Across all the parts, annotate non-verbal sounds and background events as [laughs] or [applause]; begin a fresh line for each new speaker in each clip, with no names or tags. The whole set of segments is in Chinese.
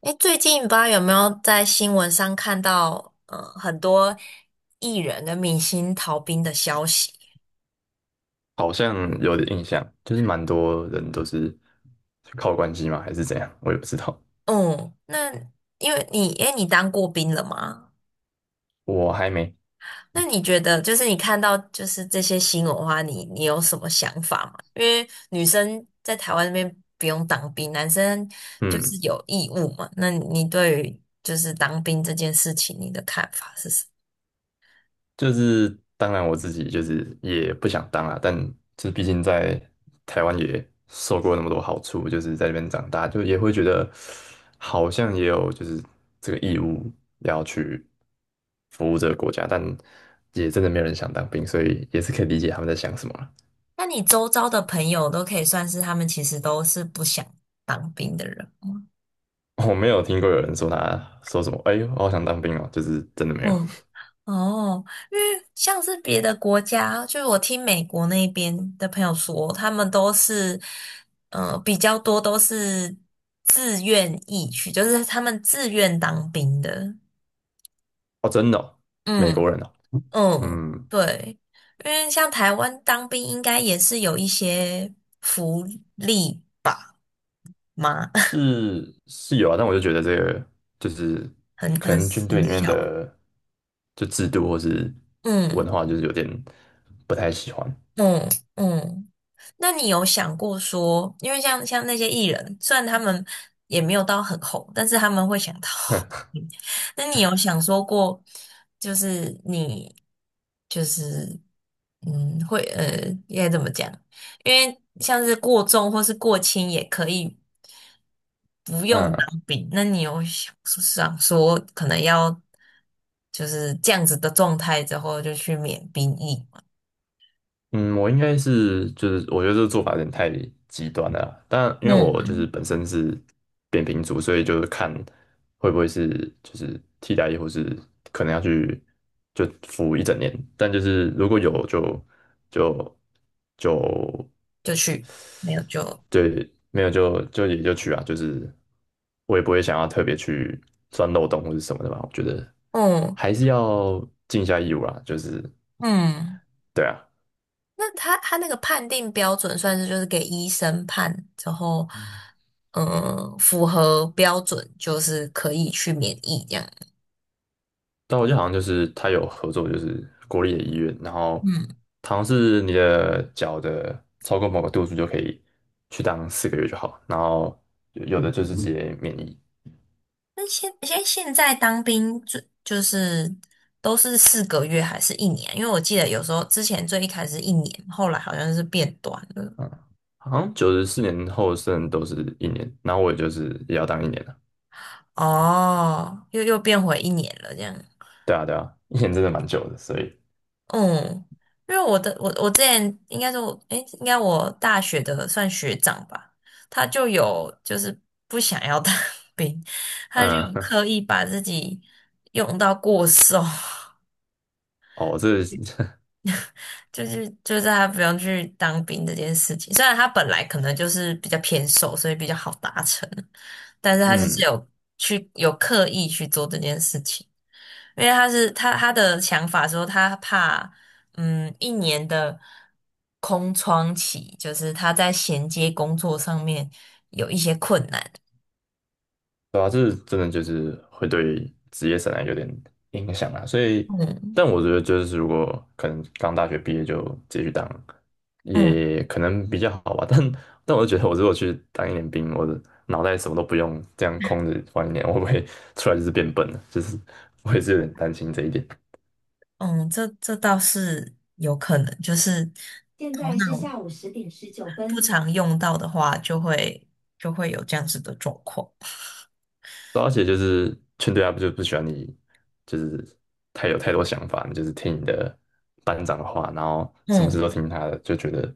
哎，最近不知道有没有在新闻上看到，很多艺人跟明星逃兵的消息。
好像有点印象，就是蛮多人都是靠关系嘛，还是怎样，我也不知道。
嗯，那因为你，哎，你当过兵了吗？
我还没。
那你觉得，就是你看到就是这些新闻的话，你有什么想法吗？因为女生在台湾那边不用当兵，男生就是
嗯，
有义务嘛。那你对于就是当兵这件事情，你的看法是什么？
就是当然我自己就是也不想当啊，但就是毕竟在台湾也受过那么多好处，就是在那边长大，就也会觉得好像也有就是这个义务要去服务这个国家，但也真的没有人想当兵，所以也是可以理解他们在想什么啦。
那你周遭的朋友都可以算是他们其实都是不想当兵的人吗？
[laughs] 我没有听过有人说他说什么，哎呦，我好想当兵哦，就是真的没有。
嗯，哦，因为像是别的国家，就是我听美国那边的朋友说，他们都是，比较多都是自愿意去，就是他们自愿当兵的。
哦，真的哦？美国
嗯
人哦？
嗯，
嗯，
对，因为像台湾当兵应该也是有一些福利吧？吗？[laughs]
是是有啊，但我就觉得这个就是
很
可
很
能军队
很
里面
小。
的就制度或是文
嗯
化，就是有点不太喜欢。
嗯嗯。那你有想过说，因为像那些艺人，虽然他们也没有到很红，但是他们会想到，[laughs] 那你有想说过，就是你就是会应该怎么讲？因为像是过重或是过轻也可以不用
嗯。
当兵，那你有想想说可能要就是这样子的状态之后就去免兵役吗？
嗯，我应该是就是我觉得这个做法有点太极端了啦，但因为我
嗯。
就是本身是扁平足，所以就是看会不会是就是替代役，或是可能要去就服一整年，但就是如果有就就
就去没有就
对，没有也就去啊，就是我也不会想要特别去钻漏洞或者什么的吧，我觉得
嗯。
还是要尽一下义务啦，就是
嗯，
对啊。
那他那个判定标准算是就是给医生判，然后符合标准就是可以去免疫这样。
但我记得好像就是他有合作，就是国立的医院，然后
嗯，
它好像是你的脚的超过某个度数就可以去当4个月就好，然后有的就是直接免疫。
那现在当兵就是都是4个月还是一年啊？因为我记得有时候之前最一开始是一年，后来好像是变短了。
嗯，好像94年后剩都是一年，然后我也就是也要当一年了，
哦，又变回一年了这样。
对啊对啊，一年真的蛮久的，所以
嗯，因为我的我我之前应该说，诶，应该我大学的算学长吧，他就有就是不想要当 [laughs] 兵，他就有
嗯，
刻意把自己用到过瘦，
[laughs] 哦，这
[laughs] 就是他不用去当兵这件事情。虽然他本来可能就是比较偏瘦，所以比较好达成，但是
[laughs]
他就是
嗯。
有去有刻意去做这件事情。因为他是他他的想法说他怕，嗯，一年的空窗期，就是他在衔接工作上面有一些困难。
对啊，这真的就是会对职业生涯有点影响啊。所以，
嗯
但我觉得就是如果可能刚大学毕业就继续当，
嗯
也可能比较好吧。[laughs] 但我就觉得，我如果去当一年兵，我的脑袋什么都不用，这样空着放一年，我会不会出来就是变笨了？就是我也是有点担心这一点。
嗯，这倒是有可能，就是
现
头
在是
脑
下午十点十九
不
分。
常用到的话，就会有这样子的状况。
对，而且就是劝队他不就不喜欢你，就是太有太多想法，你就是听你的班长的话，然后什么事都
嗯，
听他的，就觉得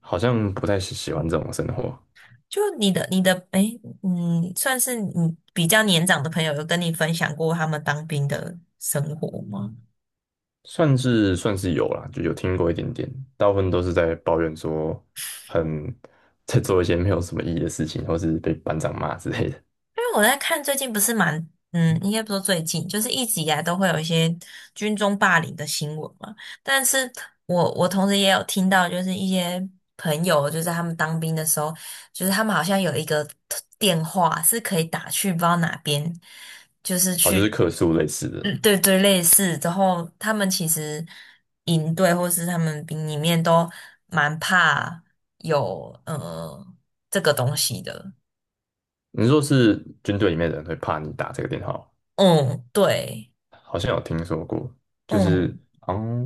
好像不太喜欢这种生活。
就你的，诶，算是你比较年长的朋友有跟你分享过他们当兵的生活吗？
算是算是有啦，就有听过一点点，大部分都是在抱怨说很在做一些没有什么意义的事情，或是被班长骂之类的。
因为我在看最近不是蛮，应该不说最近，就是一直以来都会有一些军中霸凌的新闻嘛。但是我同时也有听到，就是一些朋友，就是他们当兵的时候，就是他们好像有一个电话是可以打去不知道哪边，就是
哦，就是
去，
客诉类似
嗯，
的。
对对，类似。之后他们其实营队或是他们兵里面都蛮怕有这个东西的。
你说是军队里面的人会怕你打这个电话吗？
嗯，对。
好像有听说过，就是
嗯
嗯，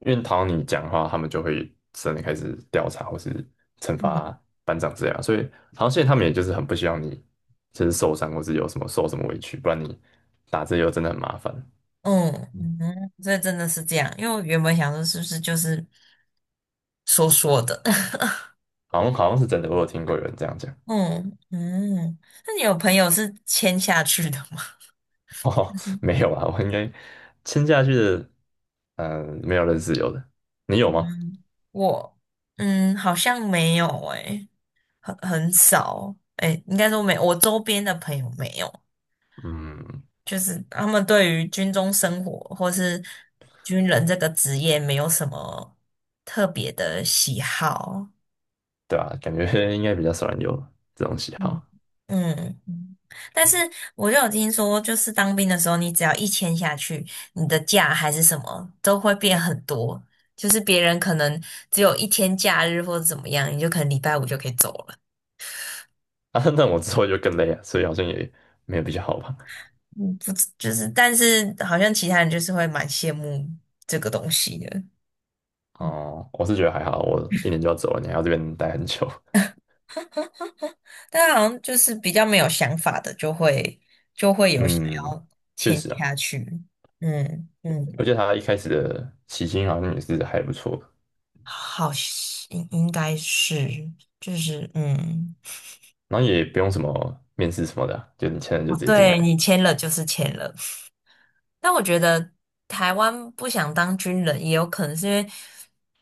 因为讨你讲话，他们就会真的开始调查或是惩罚
嗯
班长这样，所以好像现在他们也就是很不希望你就是受伤或是有什么受什么委屈，不然你打字又真的很麻烦。
嗯
嗯，
嗯，所以真的是这样，因为我原本想说是不是就是说说的，
好像是真的，我有听过有人这样讲。
[laughs] 嗯嗯，那你有朋友是签下去的吗？
[laughs]
[laughs]
哦，
就是
没有啊，我应该签下去的，嗯，没有认识有的，你有吗？
嗯我好像没有诶、很少诶、应该说没，我周边的朋友没有，
嗯，
就是他们对于军中生活或是军人这个职业没有什么特别的喜好，
对啊，感觉 [laughs] 应该比较少人有这种喜
嗯
好。
嗯，但是我就有听说，就是当兵的时候，你只要一签下去，你的假还是什么都会变很多，就是别人可能只有一天假日或者怎么样，你就可能礼拜五就可以走了。
[laughs] 啊，那我之后就更累啊，所以好像也没有比较好吧。
嗯，不知就是，但是好像其他人就是会蛮羡慕这个东西的，
哦 [laughs]、我是觉得还好，我一年就要走了，你还要这边待很久。
但好像就是比较没有想法的，就会
[laughs]
有想
嗯，
要
确
签
实啊，
下去。嗯嗯。
而且他一开始的起薪好像也是还不错的，
好像应该是，就是
然后也不用什么面试什么的啊，就你签了就
哦，
直接进
对
来。
你签了就是签了。但我觉得台湾不想当军人，也有可能是因为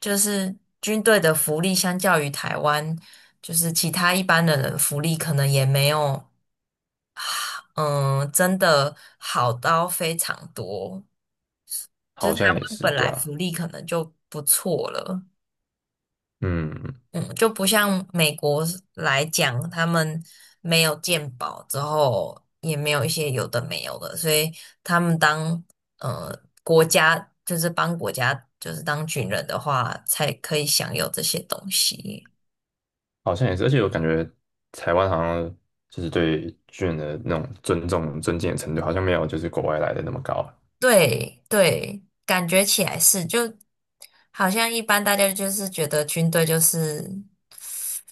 就是军队的福利相较于台湾，就是其他一般的人的福利可能也没有，嗯，真的好到非常多。就是
好
台
像也
湾
是，
本
对
来福
啊。
利可能就不错了。
嗯，
嗯，就不像美国来讲，他们没有健保之后，也没有一些有的没有的，所以他们当呃国家就是帮国家就是当军人的话，才可以享有这些东西。
好像也是，而且我感觉台湾好像就是对军人的那种尊重、尊敬的程度，好像没有就是国外来的那么高啊。
对对，感觉起来是，就好像一般大家就是觉得军队就是。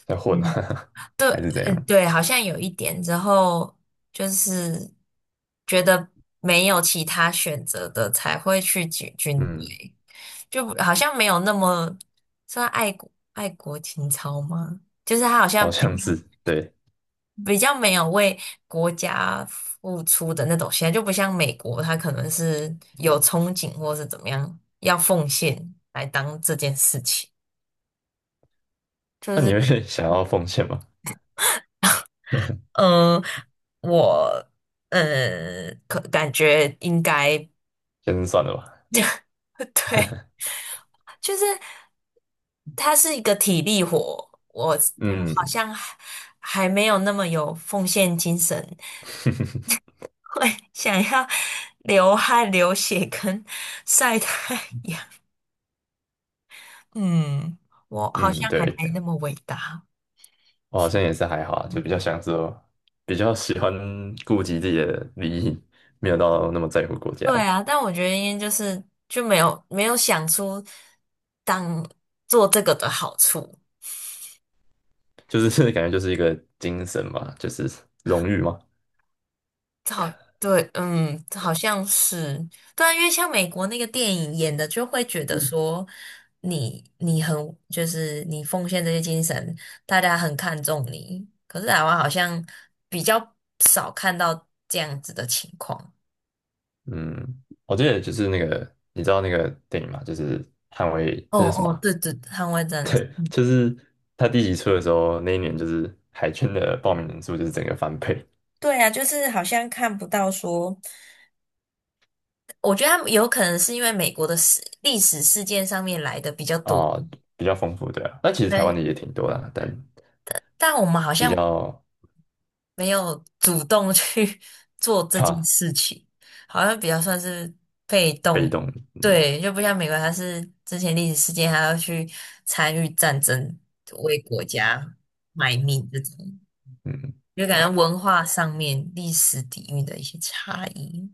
在混啊，[laughs]
对，
还是怎
嗯，
样？
对，好像有一点，之后就是觉得没有其他选择的才会去军
嗯，
队，就好像没有那么算爱国情操吗？就是他好
好
像比较
像是，对。
比较没有为国家付出的那种心态，就不像美国，他可能是有憧憬或是怎么样，要奉献来当这件事情，就
那你
是。
会 [laughs] 想要奉献吗？
嗯。我可感觉应该
先算了吧。
[laughs] 对，就是它是一个体力活，我我好
嗯，
像还没有那么有奉献精神，
[laughs]
会想要流汗、流血跟晒太阳。嗯，我好
嗯，
像还没
对，
那么伟大。
我好像也是还好啊，就比较想说，比较喜欢顾及自己的利益，没有到那么在乎国家
对
的，
啊，但我觉得应该就是就没有想出当做这个的好处。
就是 [laughs] 感觉就是一个精神嘛，就是荣誉嘛。
好，对，嗯，好像是，对啊，因为像美国那个电影演的，就会觉得说你很就是你奉献这些精神，大家很看重你。可是台湾好像比较少看到这样子的情况。
嗯，我记得就是那个，你知道那个电影嘛，就是捍卫，
哦
它叫什么
哦，
啊？
对对，捍卫
[laughs]
战士。
对，就是他第一集出的时候，那一年就是海军的报名人数就是整个翻倍，
对啊，就是好像看不到说，我觉得他们有可能是因为美国的历史事件上面来的比较多，
哦，比较丰富，对啊。那其实台湾
对，
的也挺多的啊，但
但我们好
比
像。
较
没有主动去 [laughs] 做这
哈，
件事情，好像比较算是被
被
动。
动。嗯
对，就不像美国，它是之前历史事件，还要去参与战争，为国家卖命这种，
嗯，
就
对
感觉
吧？
文化上面、历史底蕴的一些差异。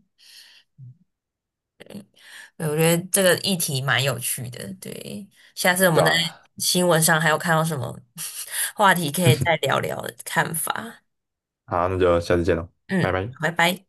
对，我觉得这个议题蛮有趣的。对，下次我
对
们在
啊。
新闻上还有看到什么 [laughs] 话题，可以再聊聊看法。
好，那就下次见喽，拜
嗯，
拜。
拜拜。